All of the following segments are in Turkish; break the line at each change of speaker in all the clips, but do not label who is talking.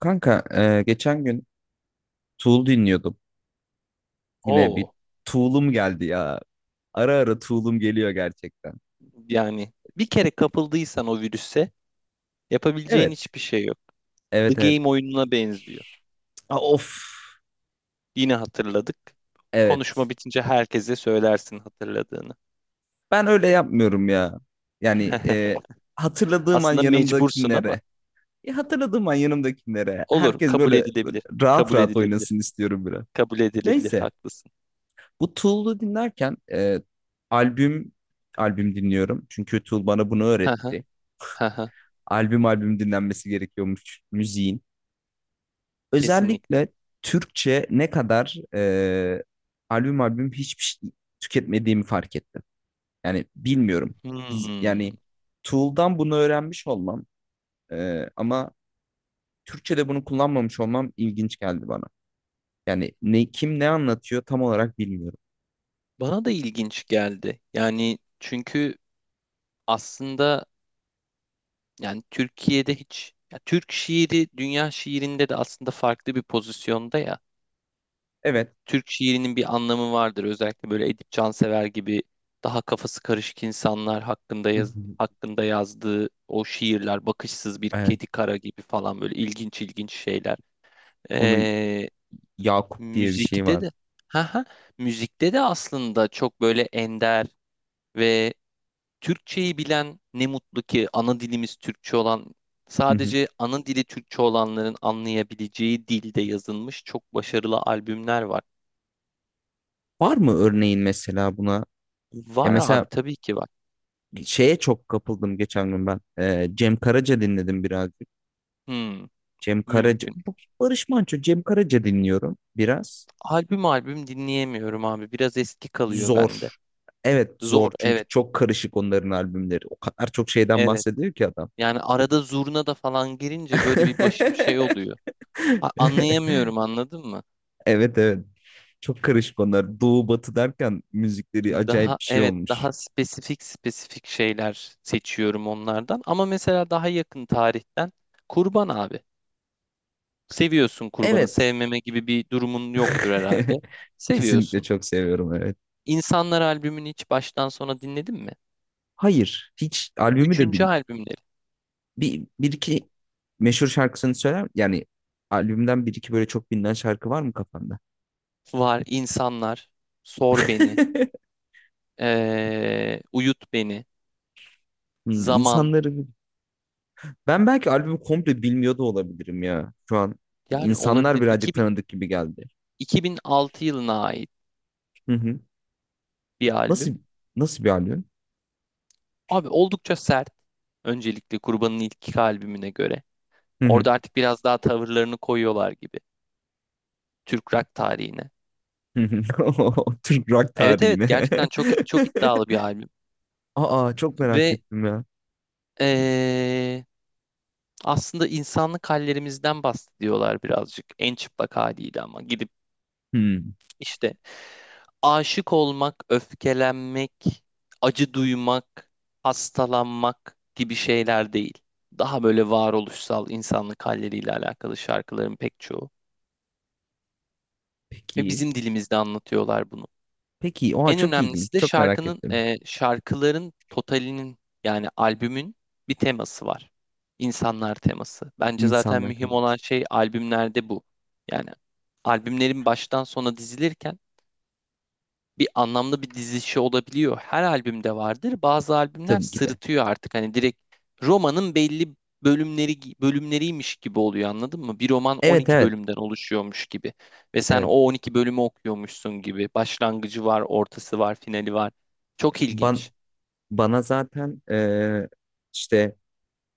Kanka, geçen gün Tool dinliyordum. Yine bir
O
Tool'um geldi ya. Ara ara Tool'um geliyor gerçekten.
yani bir kere kapıldıysan o virüse yapabileceğin
Evet.
hiçbir şey yok. The
Evet, evet.
Game oyununa benziyor.
Aa, of.
Yine hatırladık. Konuşma
Evet.
bitince herkese söylersin hatırladığını.
Ben öyle yapmıyorum ya. Yani hatırladığım an
Aslında mecbursun ama
yanımdakilere. Ya, hatırladığım an yanımdakilere.
olur,
Herkes
kabul
böyle, böyle
edilebilir.
rahat
Kabul
rahat
edilebilir.
oynasın istiyorum biraz.
Kabul edilebilir,
Neyse.
haklısın.
Bu Tool'u dinlerken albüm albüm dinliyorum. Çünkü Tool bana bunu
Haha,
öğretti.
haha,
Albüm albüm dinlenmesi gerekiyormuş müziğin.
kesinlikle.
Özellikle Türkçe ne kadar albüm albüm hiçbir şey tüketmediğimi fark ettim. Yani bilmiyorum. Biz,
Hmm.
yani Tool'dan bunu öğrenmiş olmam, ama Türkçe'de bunu kullanmamış olmam ilginç geldi bana. Yani ne kim ne anlatıyor tam olarak bilmiyorum.
Bana da ilginç geldi. Yani çünkü aslında, yani Türkiye'de hiç ya, Türk şiiri dünya şiirinde de aslında farklı bir pozisyonda ya.
Evet.
Türk şiirinin bir anlamı vardır. Özellikle böyle Edip Cansever gibi daha kafası karışık insanlar hakkında hakkında yazdığı o şiirler, bakışsız bir
Evet.
kedi kara gibi falan, böyle ilginç ilginç şeyler.
Onu
Ee,
Yakup diye bir şey
müzikte
var.
de ha ha müzikte de aslında çok böyle ender ve Türkçeyi bilen, ne mutlu ki ana dilimiz Türkçe olan,
Hı hı.
sadece ana dili Türkçe olanların anlayabileceği dilde yazılmış çok başarılı albümler var.
Var mı örneğin mesela buna? Ya
Var
mesela
abi, tabii ki var.
şeye çok kapıldım geçen gün ben. Cem Karaca dinledim biraz.
Hmm,
Cem Karaca,
mümkün.
Barış Manço, Cem Karaca dinliyorum biraz.
Albüm albüm dinleyemiyorum abi. Biraz eski kalıyor bende.
Zor. Evet, zor
Zor,
çünkü
evet
çok karışık onların albümleri. O kadar çok şeyden
evet.
bahsediyor ki adam.
Yani arada zurna da falan girince böyle bir başım şey oluyor. Anlayamıyorum, anladın mı?
Evet, evet. Çok karışık onlar. Doğu batı derken müzikleri acayip
Daha
bir şey
evet,
olmuş.
daha spesifik spesifik şeyler seçiyorum onlardan. Ama mesela daha yakın tarihten, kurban abi. Seviyorsun kurbanı.
Evet.
Sevmeme gibi bir durumun yoktur herhalde.
Kesinlikle
Seviyorsun.
çok seviyorum, evet.
İnsanlar albümünü hiç baştan sona dinledin mi?
Hayır. Hiç albümü de
Üçüncü albümleri
bir iki meşhur şarkısını söyler. Yani albümden bir iki böyle çok bilinen şarkı var mı kafanda?
var. İnsanlar, Sor Beni, Uyut Beni, Zaman.
İnsanları ben belki albümü komple bilmiyor da olabilirim ya şu an.
Yani
İnsanlar
olabilir
birazcık
2000,
tanıdık gibi geldi.
2006 yılına ait
Hı hı.
bir
Nasıl
albüm.
nasıl bir albüm?
Abi oldukça sert. Öncelikle Kurban'ın ilk iki albümüne göre.
Hı hı.
Orada artık biraz daha tavırlarını koyuyorlar gibi Türk rock tarihine.
Hı hı. Oo, Türk rock
Evet evet,
tarihine.
gerçekten çok çok iddialı bir albüm
Aa, çok merak
ve
ettim ya.
eee, aslında insanlık hallerimizden bahsediyorlar birazcık en çıplak haliyle, ama gidip
Hmm,
işte aşık olmak, öfkelenmek, acı duymak, hastalanmak gibi şeyler değil. Daha böyle varoluşsal insanlık halleriyle alakalı şarkıların pek çoğu ve
peki.
bizim dilimizde anlatıyorlar bunu.
Peki. Oha,
En
çok ilginç.
önemlisi de
Çok merak ettim.
şarkıların totalinin, yani albümün bir teması var. İnsanlar teması. Bence zaten
İnsanlar
mühim olan
tanıdık.
şey albümlerde bu. Yani albümlerin baştan sona dizilirken bir anlamlı bir dizilişi olabiliyor. Her albümde vardır. Bazı albümler
Tabii ki de.
sırıtıyor artık. Hani direkt romanın belli bölümleriymiş gibi oluyor, anladın mı? Bir roman
Evet,
12
evet.
bölümden oluşuyormuş gibi. Ve sen o
Evet.
12 bölümü okuyormuşsun gibi. Başlangıcı var, ortası var, finali var. Çok
Ban
ilginç.
bana zaten işte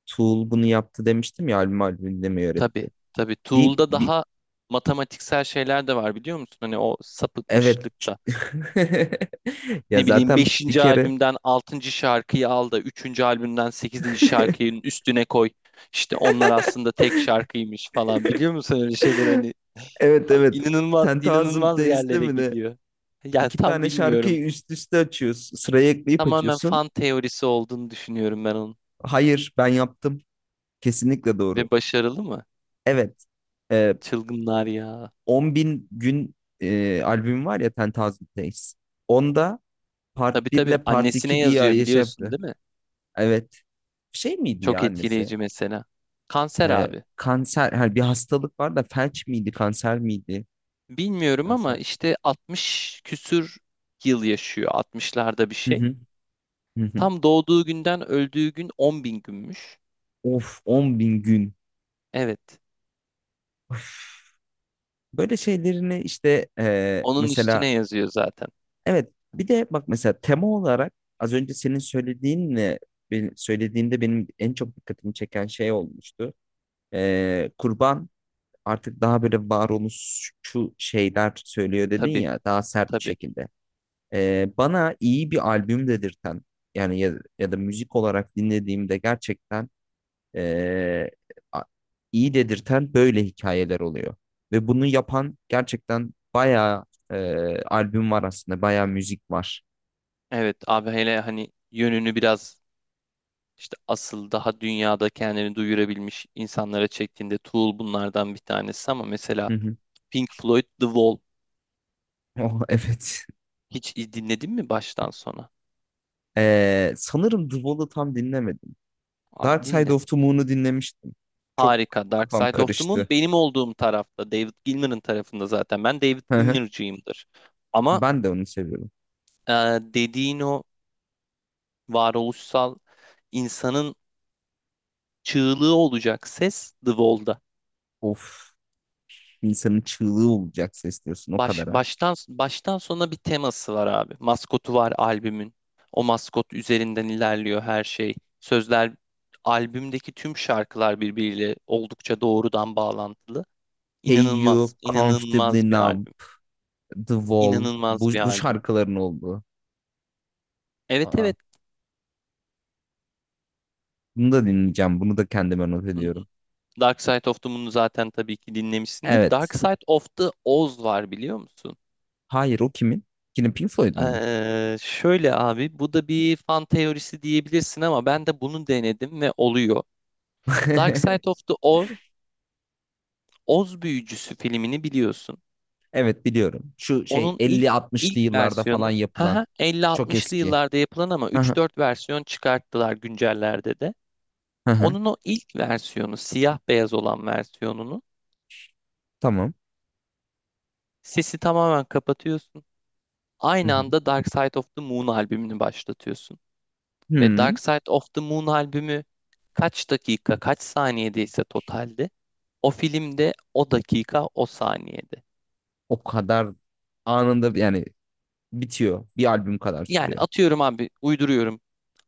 Tool bunu yaptı demiştim ya, albüm albümünde mi
Tabii,
öğretti?
tabii.
Bir,
Tool'da
bir
daha matematiksel şeyler de var, biliyor musun? Hani o
Evet.
sapıtmışlık da,
Ya,
ne bileyim,
zaten bir
beşinci
kere.
albümden altıncı şarkıyı al da 3. albümden sekizinci şarkının üstüne koy. İşte onlar aslında tek şarkıymış falan. Biliyor musun, öyle şeyleri hani
Evet, evet.
inanılmaz
Ten Thousand
inanılmaz
Days'te
yerlere
mi ne?
gidiyor. Yani
İki
tam
tane
bilmiyorum.
şarkıyı üst üste açıyorsun. Sıraya ekleyip
Tamamen
açıyorsun.
fan teorisi olduğunu düşünüyorum ben onun.
Hayır, ben yaptım. Kesinlikle doğru.
Ve başarılı mı?
Evet. Ee,
Çılgınlar ya.
10 bin gün albüm var ya, Ten Thousand Days. Onda
Tabii
Part 1
tabii,
ile Part
annesine
2 diye
yazıyor,
şey
biliyorsun
yaptı.
değil mi?
Evet. Şey miydi ya
Çok
annesi?
etkileyici mesela. Kanser abi.
Kanser, her bir hastalık var da felç miydi, kanser miydi?
Bilmiyorum ama
Kanser.
işte 60 küsür yıl yaşıyor. Altmışlarda bir
Hı
şey.
hı. Hı hı.
Tam doğduğu günden öldüğü gün 10 bin günmüş.
Of, 10 bin gün.
Evet.
Böyle şeylerini işte
Onun
mesela.
üstüne yazıyor zaten.
Evet, bir de bak mesela, tema olarak az önce senin söylediğinle söylediğinde benim en çok dikkatimi çeken şey olmuştu. Kurban artık daha böyle varoluşçu şeyler söylüyor dedin
Tabii
ya, daha sert bir
tabii.
şekilde. Bana iyi bir albüm dedirten, yani ya, ya da müzik olarak dinlediğimde gerçekten e, a- iyi dedirten böyle hikayeler oluyor. Ve bunu yapan gerçekten bayağı albüm var aslında, bayağı müzik var.
Evet abi, hele hani yönünü biraz işte asıl daha dünyada kendini duyurabilmiş insanlara çektiğinde, Tool bunlardan bir tanesi ama mesela
Hı hı.
Pink Floyd The Wall
Oh, evet.
hiç dinledin mi baştan sona?
Sanırım The Wall'ı tam dinlemedim.
Abi
Dark Side
dinle.
of the Moon'u dinlemiştim. Çok
Harika. Dark
kafam
Side of the Moon
karıştı.
benim olduğum tarafta. David Gilmour'un tarafında zaten. Ben David
Hı hı.
Gilmour'cuyumdur. Ama
Ben de onu seviyorum.
e, dediğin o varoluşsal insanın çığlığı olacak ses The Wall'da.
Of, insanın çığlığı olacak ses diyorsun o
Baş,
kadar ha.
baştan baştan sona bir teması var abi. Maskotu var albümün. O maskot üzerinden ilerliyor her şey. Sözler, albümdeki tüm şarkılar birbiriyle oldukça doğrudan bağlantılı.
Hey You,
İnanılmaz,
Comfortably
inanılmaz bir
Numb,
albüm.
The Wall,
İnanılmaz
bu,
bir
bu
albüm.
şarkıların olduğu.
Evet
Aa,
evet.
bunu da dinleyeceğim. Bunu da kendime not
Hı hı.
ediyorum.
Dark Side of the Moon'u zaten tabii ki dinlemişsindir.
Evet.
Dark Side of the Oz var, biliyor musun?
Hayır, o kimin? Yine Pink Floyd'un mu?
Şöyle abi, bu da bir fan teorisi diyebilirsin ama ben de bunu denedim ve oluyor. Dark Side of the Oz, Oz Büyücüsü filmini biliyorsun.
Evet, biliyorum. Şu şey
Onun ilk
elli 60lı
ilk
yıllarda falan
versiyonu,
yapılan. Çok
50-60'lı
eski.
yıllarda yapılan ama
Hı hı,
3-4 versiyon çıkarttılar güncellerde de.
hı hı.
Onun o ilk versiyonu, siyah beyaz olan versiyonunu,
Tamam.
sesi tamamen kapatıyorsun.
Hı
Aynı
hı.
anda Dark Side of the Moon albümünü başlatıyorsun. Ve
Hmm,
Dark Side of the Moon albümü kaç dakika, kaç saniyedeyse totalde, o filmde o dakika, o saniyede.
O kadar anında yani bitiyor. Bir albüm kadar
Yani
sürüyor.
atıyorum abi, uyduruyorum.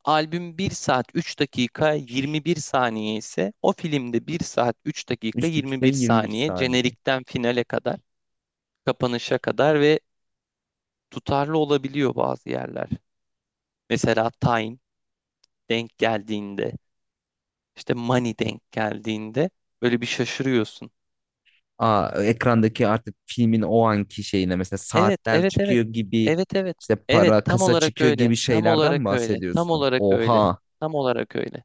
Albüm 1 saat 3 dakika 21 saniye ise, o filmde 1 saat 3 dakika
3 dakika
21
21
saniye
saniye.
jenerikten finale kadar, kapanışa kadar. Ve tutarlı olabiliyor bazı yerler. Mesela Time denk geldiğinde, işte Money denk geldiğinde böyle bir şaşırıyorsun.
Aa, ekrandaki artık filmin o anki şeyine mesela
Evet,
saatler
evet, evet.
çıkıyor gibi,
Evet, evet.
işte
Evet,
para
tam
kasa
olarak
çıkıyor
öyle.
gibi
Tam
şeylerden mi
olarak öyle. Tam
bahsediyorsun?
olarak öyle.
Oha.
Tam olarak öyle.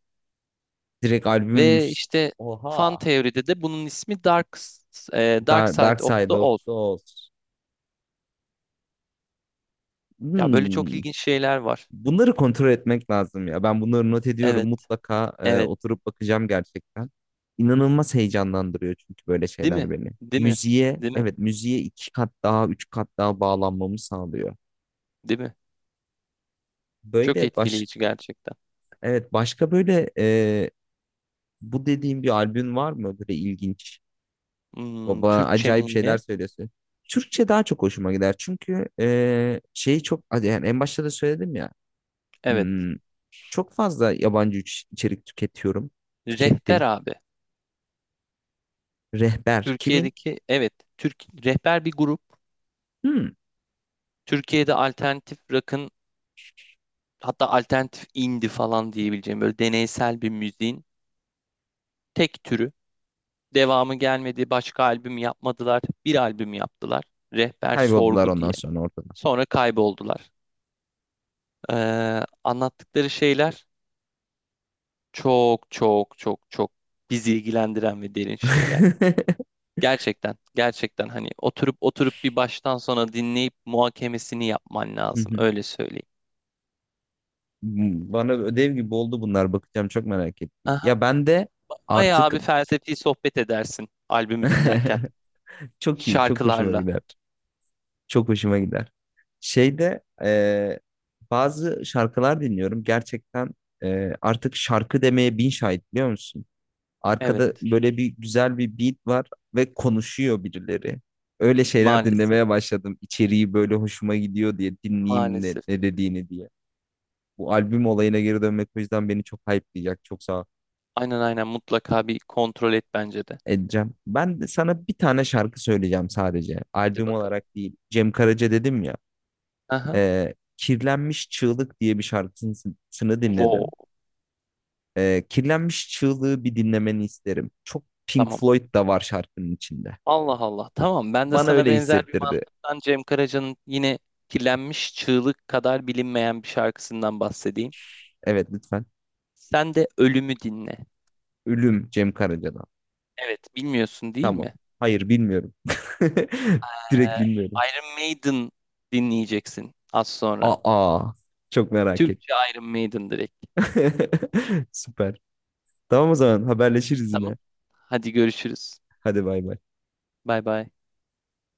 Direkt albümün
Ve
üst.
işte fan
Oha.
teoride de bunun ismi Dark
Dark,
Side
Dark
of
Side
the
of
Oz.
the Oz.
Ya böyle çok
Hmm.
ilginç şeyler var.
Bunları kontrol etmek lazım ya. Ben bunları not ediyorum.
Evet,
Mutlaka
evet.
oturup bakacağım gerçekten. İnanılmaz heyecanlandırıyor çünkü böyle
Değil
şeyler
mi?
beni.
Değil mi?
Müziğe,
Değil mi?
evet, müziğe iki kat daha, üç kat daha bağlanmamı sağlıyor.
Değil mi? Çok
Böyle
etkileyici gerçekten.
evet, başka böyle bu dediğim bir albüm var mı? Böyle ilginç.
Hmm,
Baba,
Türkçe
acayip
mi yine?
şeyler söylüyorsun. Türkçe daha çok hoşuma gider. Çünkü şeyi çok hadi yani en başta da söyledim ya.
Evet.
hmm, Çok fazla yabancı içerik tüketiyorum.
Rehber
Tükettim.
abi.
Rehber kimin?
Türkiye'deki, evet. Türk, rehber bir grup.
Hmm,
Türkiye'de alternatif rock'ın, hatta alternatif indie falan diyebileceğim böyle deneysel bir müziğin tek türü. Devamı gelmedi, başka albüm yapmadılar. Bir albüm yaptılar. Rehber
Kayboldular
Sorgu diye.
ondan sonra ortada.
Sonra kayboldular. Anlattıkları şeyler çok çok çok çok bizi ilgilendiren ve derin şeyler. Gerçekten, gerçekten hani oturup oturup bir baştan sona dinleyip muhakemesini yapman
Hı
lazım.
hı.
Öyle söyleyeyim.
Bana ödev gibi oldu bunlar. Bakacağım, çok merak ettim.
Aha,
Ya ben de
bayağı
artık
bir felsefi sohbet edersin albümü dinlerken,
çok iyi, çok hoşuma
şarkılarla.
gider. Çok hoşuma gider. Şeyde bazı şarkılar dinliyorum. Gerçekten artık şarkı demeye bin şahit biliyor musun? Arkada
Evet.
böyle bir güzel bir beat var ve konuşuyor birileri. Öyle şeyler
Maalesef.
dinlemeye başladım. İçeriği böyle hoşuma gidiyor diye dinleyeyim ne,
Maalesef.
ne dediğini diye. Bu albüm olayına geri dönmek o yüzden beni çok hype'layacak. Çok sağ ol.
Aynen aynen, mutlaka bir kontrol et bence de.
Edeceğim. Ben de sana bir tane şarkı söyleyeceğim sadece.
Hadi
Albüm
bakalım.
olarak değil. Cem Karaca dedim ya.
Aha.
Kirlenmiş Çığlık diye bir şarkısını
Wow.
dinledim. Kirlenmiş Çığlığı bir dinlemeni isterim. Çok Pink
Tamam.
Floyd da var şarkının içinde.
Allah Allah. Tamam. Ben de
Bana
sana
öyle
benzer bir
hissettirdi.
mantıktan Cem Karaca'nın yine kirlenmiş çığlık kadar bilinmeyen bir şarkısından bahsedeyim.
Evet, lütfen.
Sen de ölümü dinle.
Ölüm Cem Karaca'dan.
Evet, bilmiyorsun değil
Tamam.
mi?
Hayır, bilmiyorum. Direkt
Ee,
bilmiyorum.
Iron Maiden dinleyeceksin az sonra.
Aa. Çok merak ettim.
Türkçe Iron Maiden direkt.
Süper. Tamam, o zaman haberleşiriz
Tamam.
yine.
Hadi görüşürüz.
Hadi bay bay.
Bay bay.